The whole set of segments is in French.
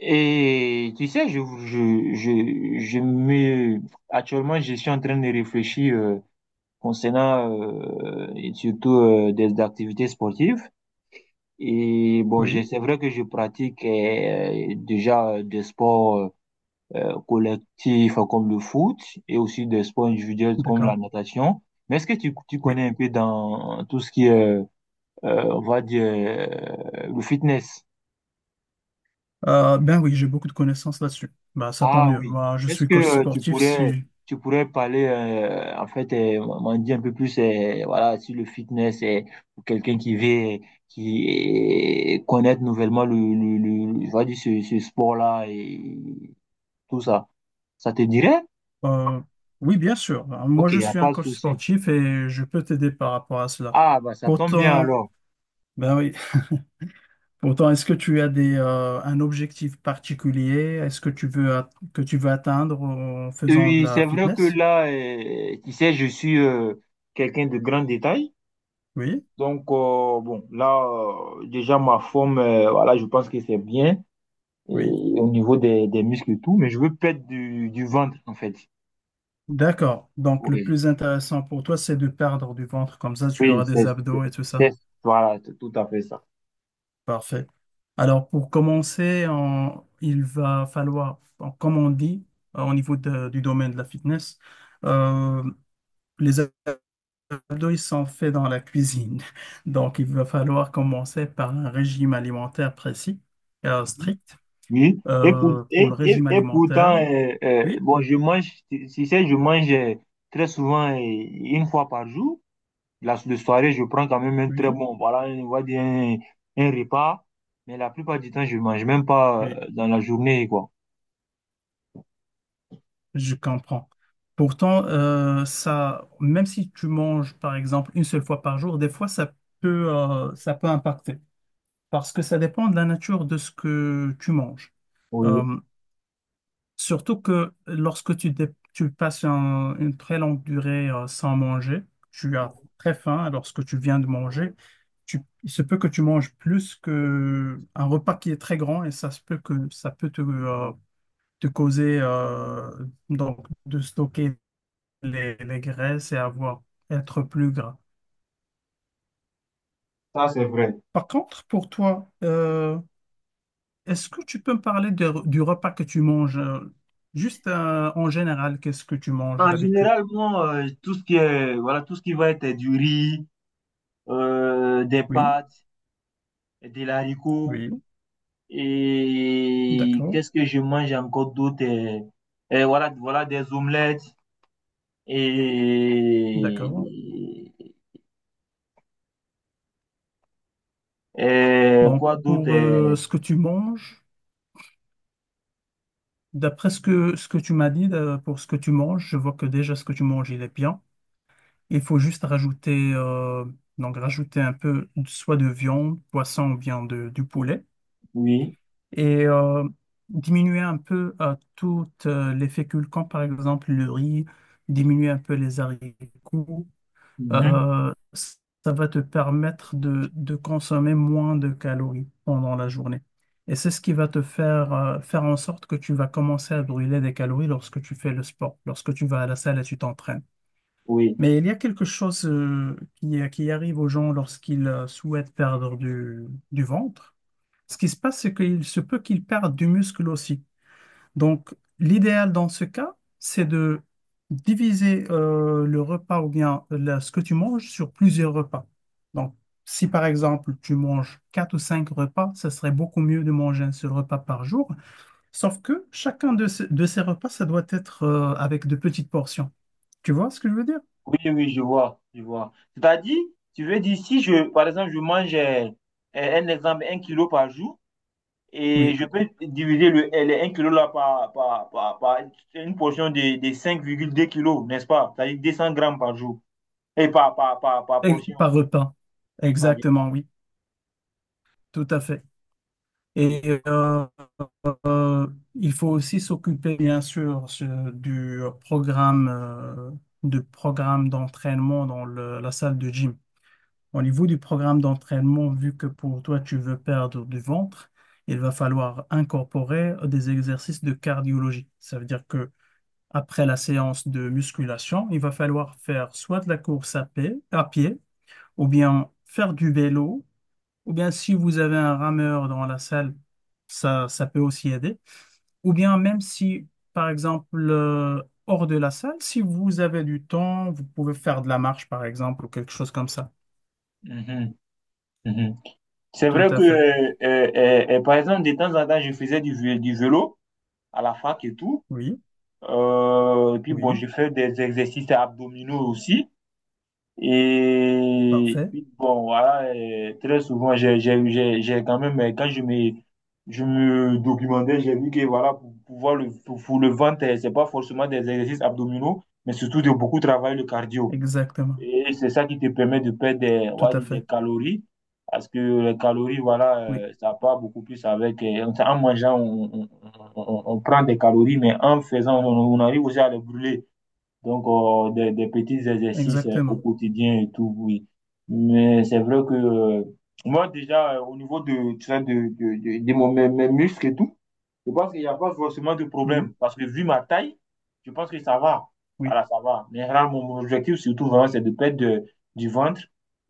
Et tu sais, je me... Actuellement, je suis en train de réfléchir concernant et surtout des activités sportives. Et bon, Oui, c'est vrai que je pratique déjà des sports collectifs comme le foot et aussi des sports individuels comme d'accord. la natation. Mais est-ce que tu Oui. connais un peu dans tout ce qui est, euh, on va dire, le fitness? Ben oui, j'ai beaucoup de connaissances là-dessus. Ben, ça tant Ah mieux. oui. Moi, je Est-ce suis que coach tu sportif. pourrais, Si... tu pourrais parler, en fait, m'en dire un peu plus, voilà, sur le fitness, pour quelqu'un qui veut, qui connaître nouvellement on va dire ce sport-là et tout ça. Ça te dirait? euh, Oui, bien sûr. Ben, moi, Ok, je y a suis un pas de coach souci. sportif et je peux t'aider par rapport à cela. Ah, bah, ça tombe bien Pourtant, alors. ben oui. Pourtant, est-ce que tu as des, un objectif particulier? Est-ce que tu veux que tu veux atteindre en faisant de Oui, la c'est vrai que fitness? là, tu sais, je suis quelqu'un de grand détail. Oui, Donc, bon, là, déjà, ma forme, voilà, je pense que c'est bien, oui. et au niveau des muscles et tout, mais je veux perdre du ventre, en fait. D'accord. Donc, le Oui, plus intéressant pour toi, c'est de perdre du ventre. Comme ça, tu oui, auras c'est, des c'est, abdos et tout ça. c'est- voilà, c'est tout à fait ça. Parfait. Alors, pour commencer, il va falloir, bon, comme on dit, au niveau du domaine de la fitness, euh, les abdos, ils sont faits dans la cuisine. Donc, il va falloir commencer par un régime alimentaire précis, Mhm. strict. Oui, et, pour- Pour et, le et, régime et alimentaire, pourtant, oui, bon, je mange, tu sais, je mange très souvent, une fois par jour. Le soirée, je prends quand même un très oui, bon, voilà, on va dire un repas, mais la plupart du temps, je mange même pas oui. Dans la journée, quoi. Je comprends. Pourtant, ça, même si tu manges, par exemple, une seule fois par jour, des fois, ça peut impacter. Parce que ça dépend de la nature de ce que tu manges. Oui, Euh, Surtout que lorsque tu passes une très longue durée, sans manger, tu as très faim lorsque tu viens de manger. Il se peut que tu manges plus que un repas qui est très grand et ça se peut que ça peut te, te causer donc de stocker les graisses et avoir, être plus gras. ça c'est vrai. Par contre, pour toi, est-ce que tu peux me parler du repas que tu manges? Juste en général, qu'est-ce que tu manges En d'habitude? général, bon, tout ce qui est, voilà, tout ce qui va être du riz, des Oui, pâtes, des haricots, oui, et d'accord, qu'est-ce que je mange encore d'autre? Voilà, des omelettes, et, d'accord. Donc, quoi d'autre? pour ce que tu manges, d'après ce que tu m'as dit, pour ce que tu manges, je vois que déjà ce que tu manges, il est bien. Il faut juste rajouter, donc rajouter un peu soit de viande, poisson ou bien de, du poulet. Oui, Et diminuer un peu toutes les féculents, par exemple le riz, diminuer un peu les haricots, mhm, ça va te permettre de consommer moins de calories pendant la journée. Et c'est ce qui va te faire faire en sorte que tu vas commencer à brûler des calories lorsque tu fais le sport, lorsque tu vas à la salle et tu t'entraînes. oui, Mais il y a quelque chose qui arrive aux gens lorsqu'ils souhaitent perdre du ventre. Ce qui se passe, c'est qu'il se peut qu'il perde du muscle aussi. Donc, l'idéal dans ce cas, c'est de diviser le repas ou bien ce que tu manges sur plusieurs repas. Donc, si par exemple tu manges quatre ou cinq repas, ce serait beaucoup mieux de manger un seul repas par jour. Sauf que chacun de, de ces repas, ça doit être avec de petites portions. Tu vois ce que je veux dire? Oui, je vois, C'est-à-dire, tu veux dire, si je, par exemple, je mange, un exemple, un kilo par jour. Et Oui. je peux diviser les un kilo là par une portion de cinq virgule deux kilos, n'est-ce pas? C'est-à-dire 200 grammes par jour. Et par, par, par, par Et portion. par repas. par- Exactement, oui. Tout à fait. Et Euh, il faut aussi s'occuper, bien sûr, programme, euh, du programme d'entraînement dans la salle de gym. Au niveau du programme d'entraînement, vu que pour toi, tu veux perdre du ventre, il va falloir incorporer des exercices de cardiologie. Ça veut dire que après la séance de musculation, il va falloir faire soit de la course à pied, ou bien faire du vélo, ou bien si vous avez un rameur dans la salle, ça peut aussi aider. Ou bien même si, par exemple, hors de la salle, si vous avez du temps, vous pouvez faire de la marche, par exemple, ou quelque chose comme ça. Mhm, mhm. C'est Tout vrai à que, fait. Par exemple, de temps en temps, je faisais du vélo à la fac et tout. Oui, Et puis, bon, oui, je fais des exercices abdominaux aussi. Et parfait. puis, bon, voilà, très souvent, j'ai quand même, je me documentais, j'ai vu que, voilà, pour le ventre, c'est pas forcément des exercices abdominaux, mais surtout de beaucoup travailler le cardio. Exactement. Et c'est ça qui te permet de perdre des, on Tout va à dire fait. des calories, parce que les calories, voilà, Oui, ça part beaucoup plus avec, en en mangeant, on prend des calories, mais en faisant, on arrive aussi à les brûler. Donc, des petits exercices au exactement. quotidien et tout, oui. Mais c'est vrai que moi, déjà, au niveau de, tu sais, mes muscles et tout, je pense qu'il n'y a pas forcément de problème Oui, parce que vu ma taille, je pense que ça va. oui, Voilà, ça va. Mais là, mon objectif, surtout, vraiment, c'est de du ventre.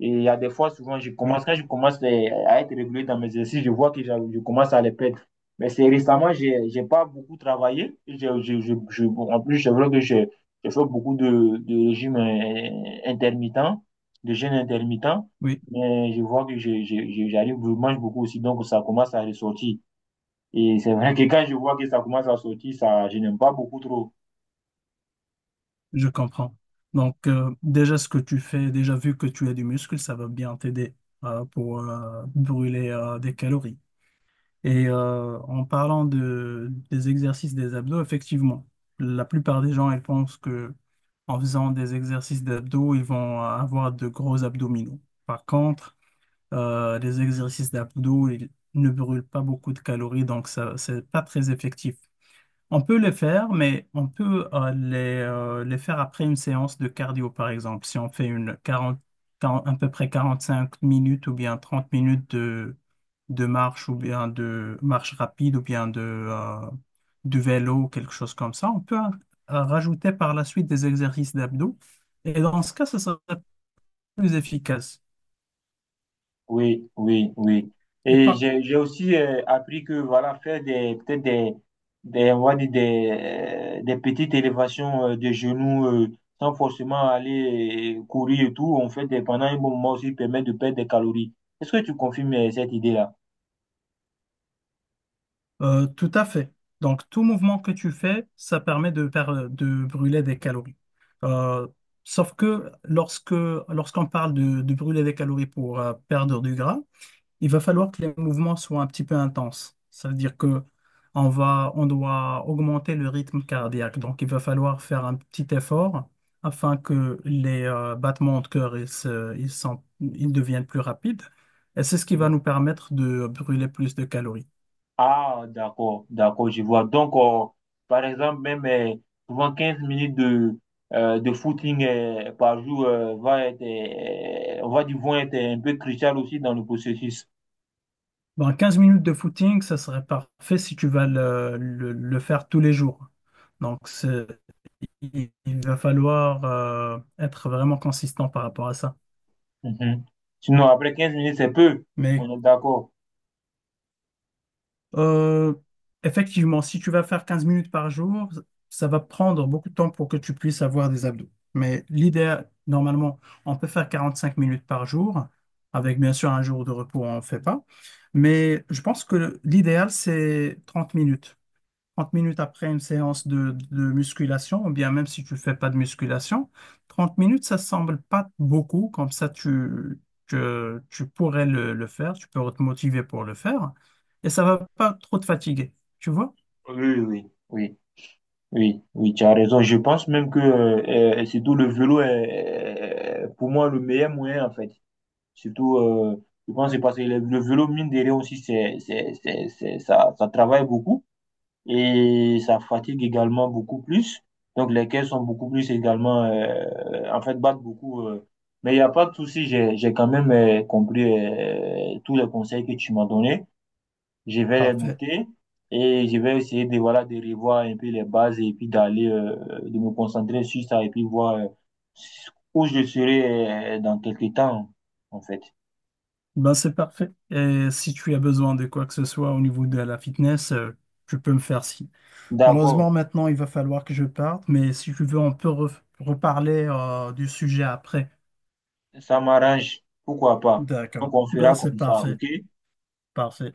Et il y a des fois, souvent, oui, quand je commence à être régulier dans mes exercices, je vois que je commence à les perdre. Mais c'est récemment, j'ai pas beaucoup travaillé. Je, je, Bon, en plus, c'est vrai que j'ai fait beaucoup de régimes intermittents, de jeûnes intermittents. oui, Mais je vois que j'arrive, je mange beaucoup aussi, donc ça commence à ressortir. Et c'est vrai que quand je vois que ça commence à sortir, ça, je n'aime pas beaucoup trop. je comprends. Donc, déjà ce que tu fais, déjà vu que tu as du muscle, ça va bien t'aider pour brûler des calories. Et en parlant de, des exercices des abdos, effectivement, la plupart des gens, ils pensent que en faisant des exercices d'abdos, ils vont avoir de gros abdominaux. Par contre, les exercices d'abdos, ils ne brûlent pas beaucoup de calories, donc ça, c'est pas très effectif. On peut les faire, mais on peut les faire après une séance de cardio, par exemple. Si on fait une 40, 40 à peu près 45 minutes ou bien 30 minutes de marche ou bien de marche rapide ou bien de vélo, quelque chose comme ça, on peut rajouter par la suite des exercices d'abdos. Et dans ce cas, ce serait plus efficace. Oui, oui, oui. Et Et par j'ai aussi appris que voilà, faire des, peut-être des, on va dire des petites élévations de genoux sans forcément aller courir et tout, pendant un bon moment aussi permet de perdre des calories. Est-ce que tu confirmes cette idée-là? Tout à fait. Donc, tout mouvement que tu fais, ça permet de, de brûler des calories. Euh, Sauf que lorsqu'on parle de brûler des calories pour perdre du gras, il va falloir que les mouvements soient un petit peu intenses. Ça veut dire que on va, on doit augmenter le rythme cardiaque. Donc, il va falloir faire un petit effort afin que les battements de cœur ils, se- ils sont- ils deviennent plus rapides. Et c'est ce qui va nous permettre de brûler plus de calories. Ah, d'accord, d'accord, je vois. Donc, par exemple, même souvent 15 minutes de footing par jour on va dire, vont être un peu crucial aussi dans le processus. Bon, quinze minutes de footing, ça serait parfait si tu vas le faire tous les jours. Donc, il va falloir être vraiment consistant par rapport à ça. Mhm. Sinon, après 15 minutes, c'est peu. Mais On est d'accord. Euh, effectivement, si tu vas faire 15 minutes par jour, ça va prendre beaucoup de temps pour que tu puisses avoir des abdos. Mais l'idéal, normalement, on peut faire 45 minutes par jour, Oui, avec bien sûr un jour de repos, on ne fait pas. Mais je pense que l'idéal, c'est 30 minutes. 30 minutes après une séance de musculation, ou bien même si tu fais pas de musculation, 30 minutes, ça semble pas beaucoup, comme ça tu, que tu pourrais le faire, tu peux te motiver pour le faire, et ça va pas trop te fatiguer, tu vois? oui, oui, oui, tu as raison. Je pense même que surtout le vélo est, pour moi, le meilleur moyen, en fait. Surtout, je pense que c'est parce que le vélo, mine de rien aussi, ça travaille beaucoup et ça fatigue également beaucoup plus. Donc, les caisses sont beaucoup plus également, en fait, battent beaucoup. Mais il n'y a pas de souci, j'ai quand même compris tous les conseils que tu m'as donnés. Je vais les Parfait. noter et je vais essayer de, voilà, de revoir un peu les bases et puis d'aller, de me concentrer sur ça et puis voir où je serai dans quelques temps, en fait. Ben c'est parfait. Et si tu as besoin de quoi que ce soit au niveau de la fitness, tu peux me faire signe. D'accord, Malheureusement, maintenant, il va falloir que je parte, mais si tu veux, on peut reparler du sujet après. ça m'arrange. Pourquoi pas? Donc, D'accord. on Ben fera c'est comme ça, parfait. OK? Parfait.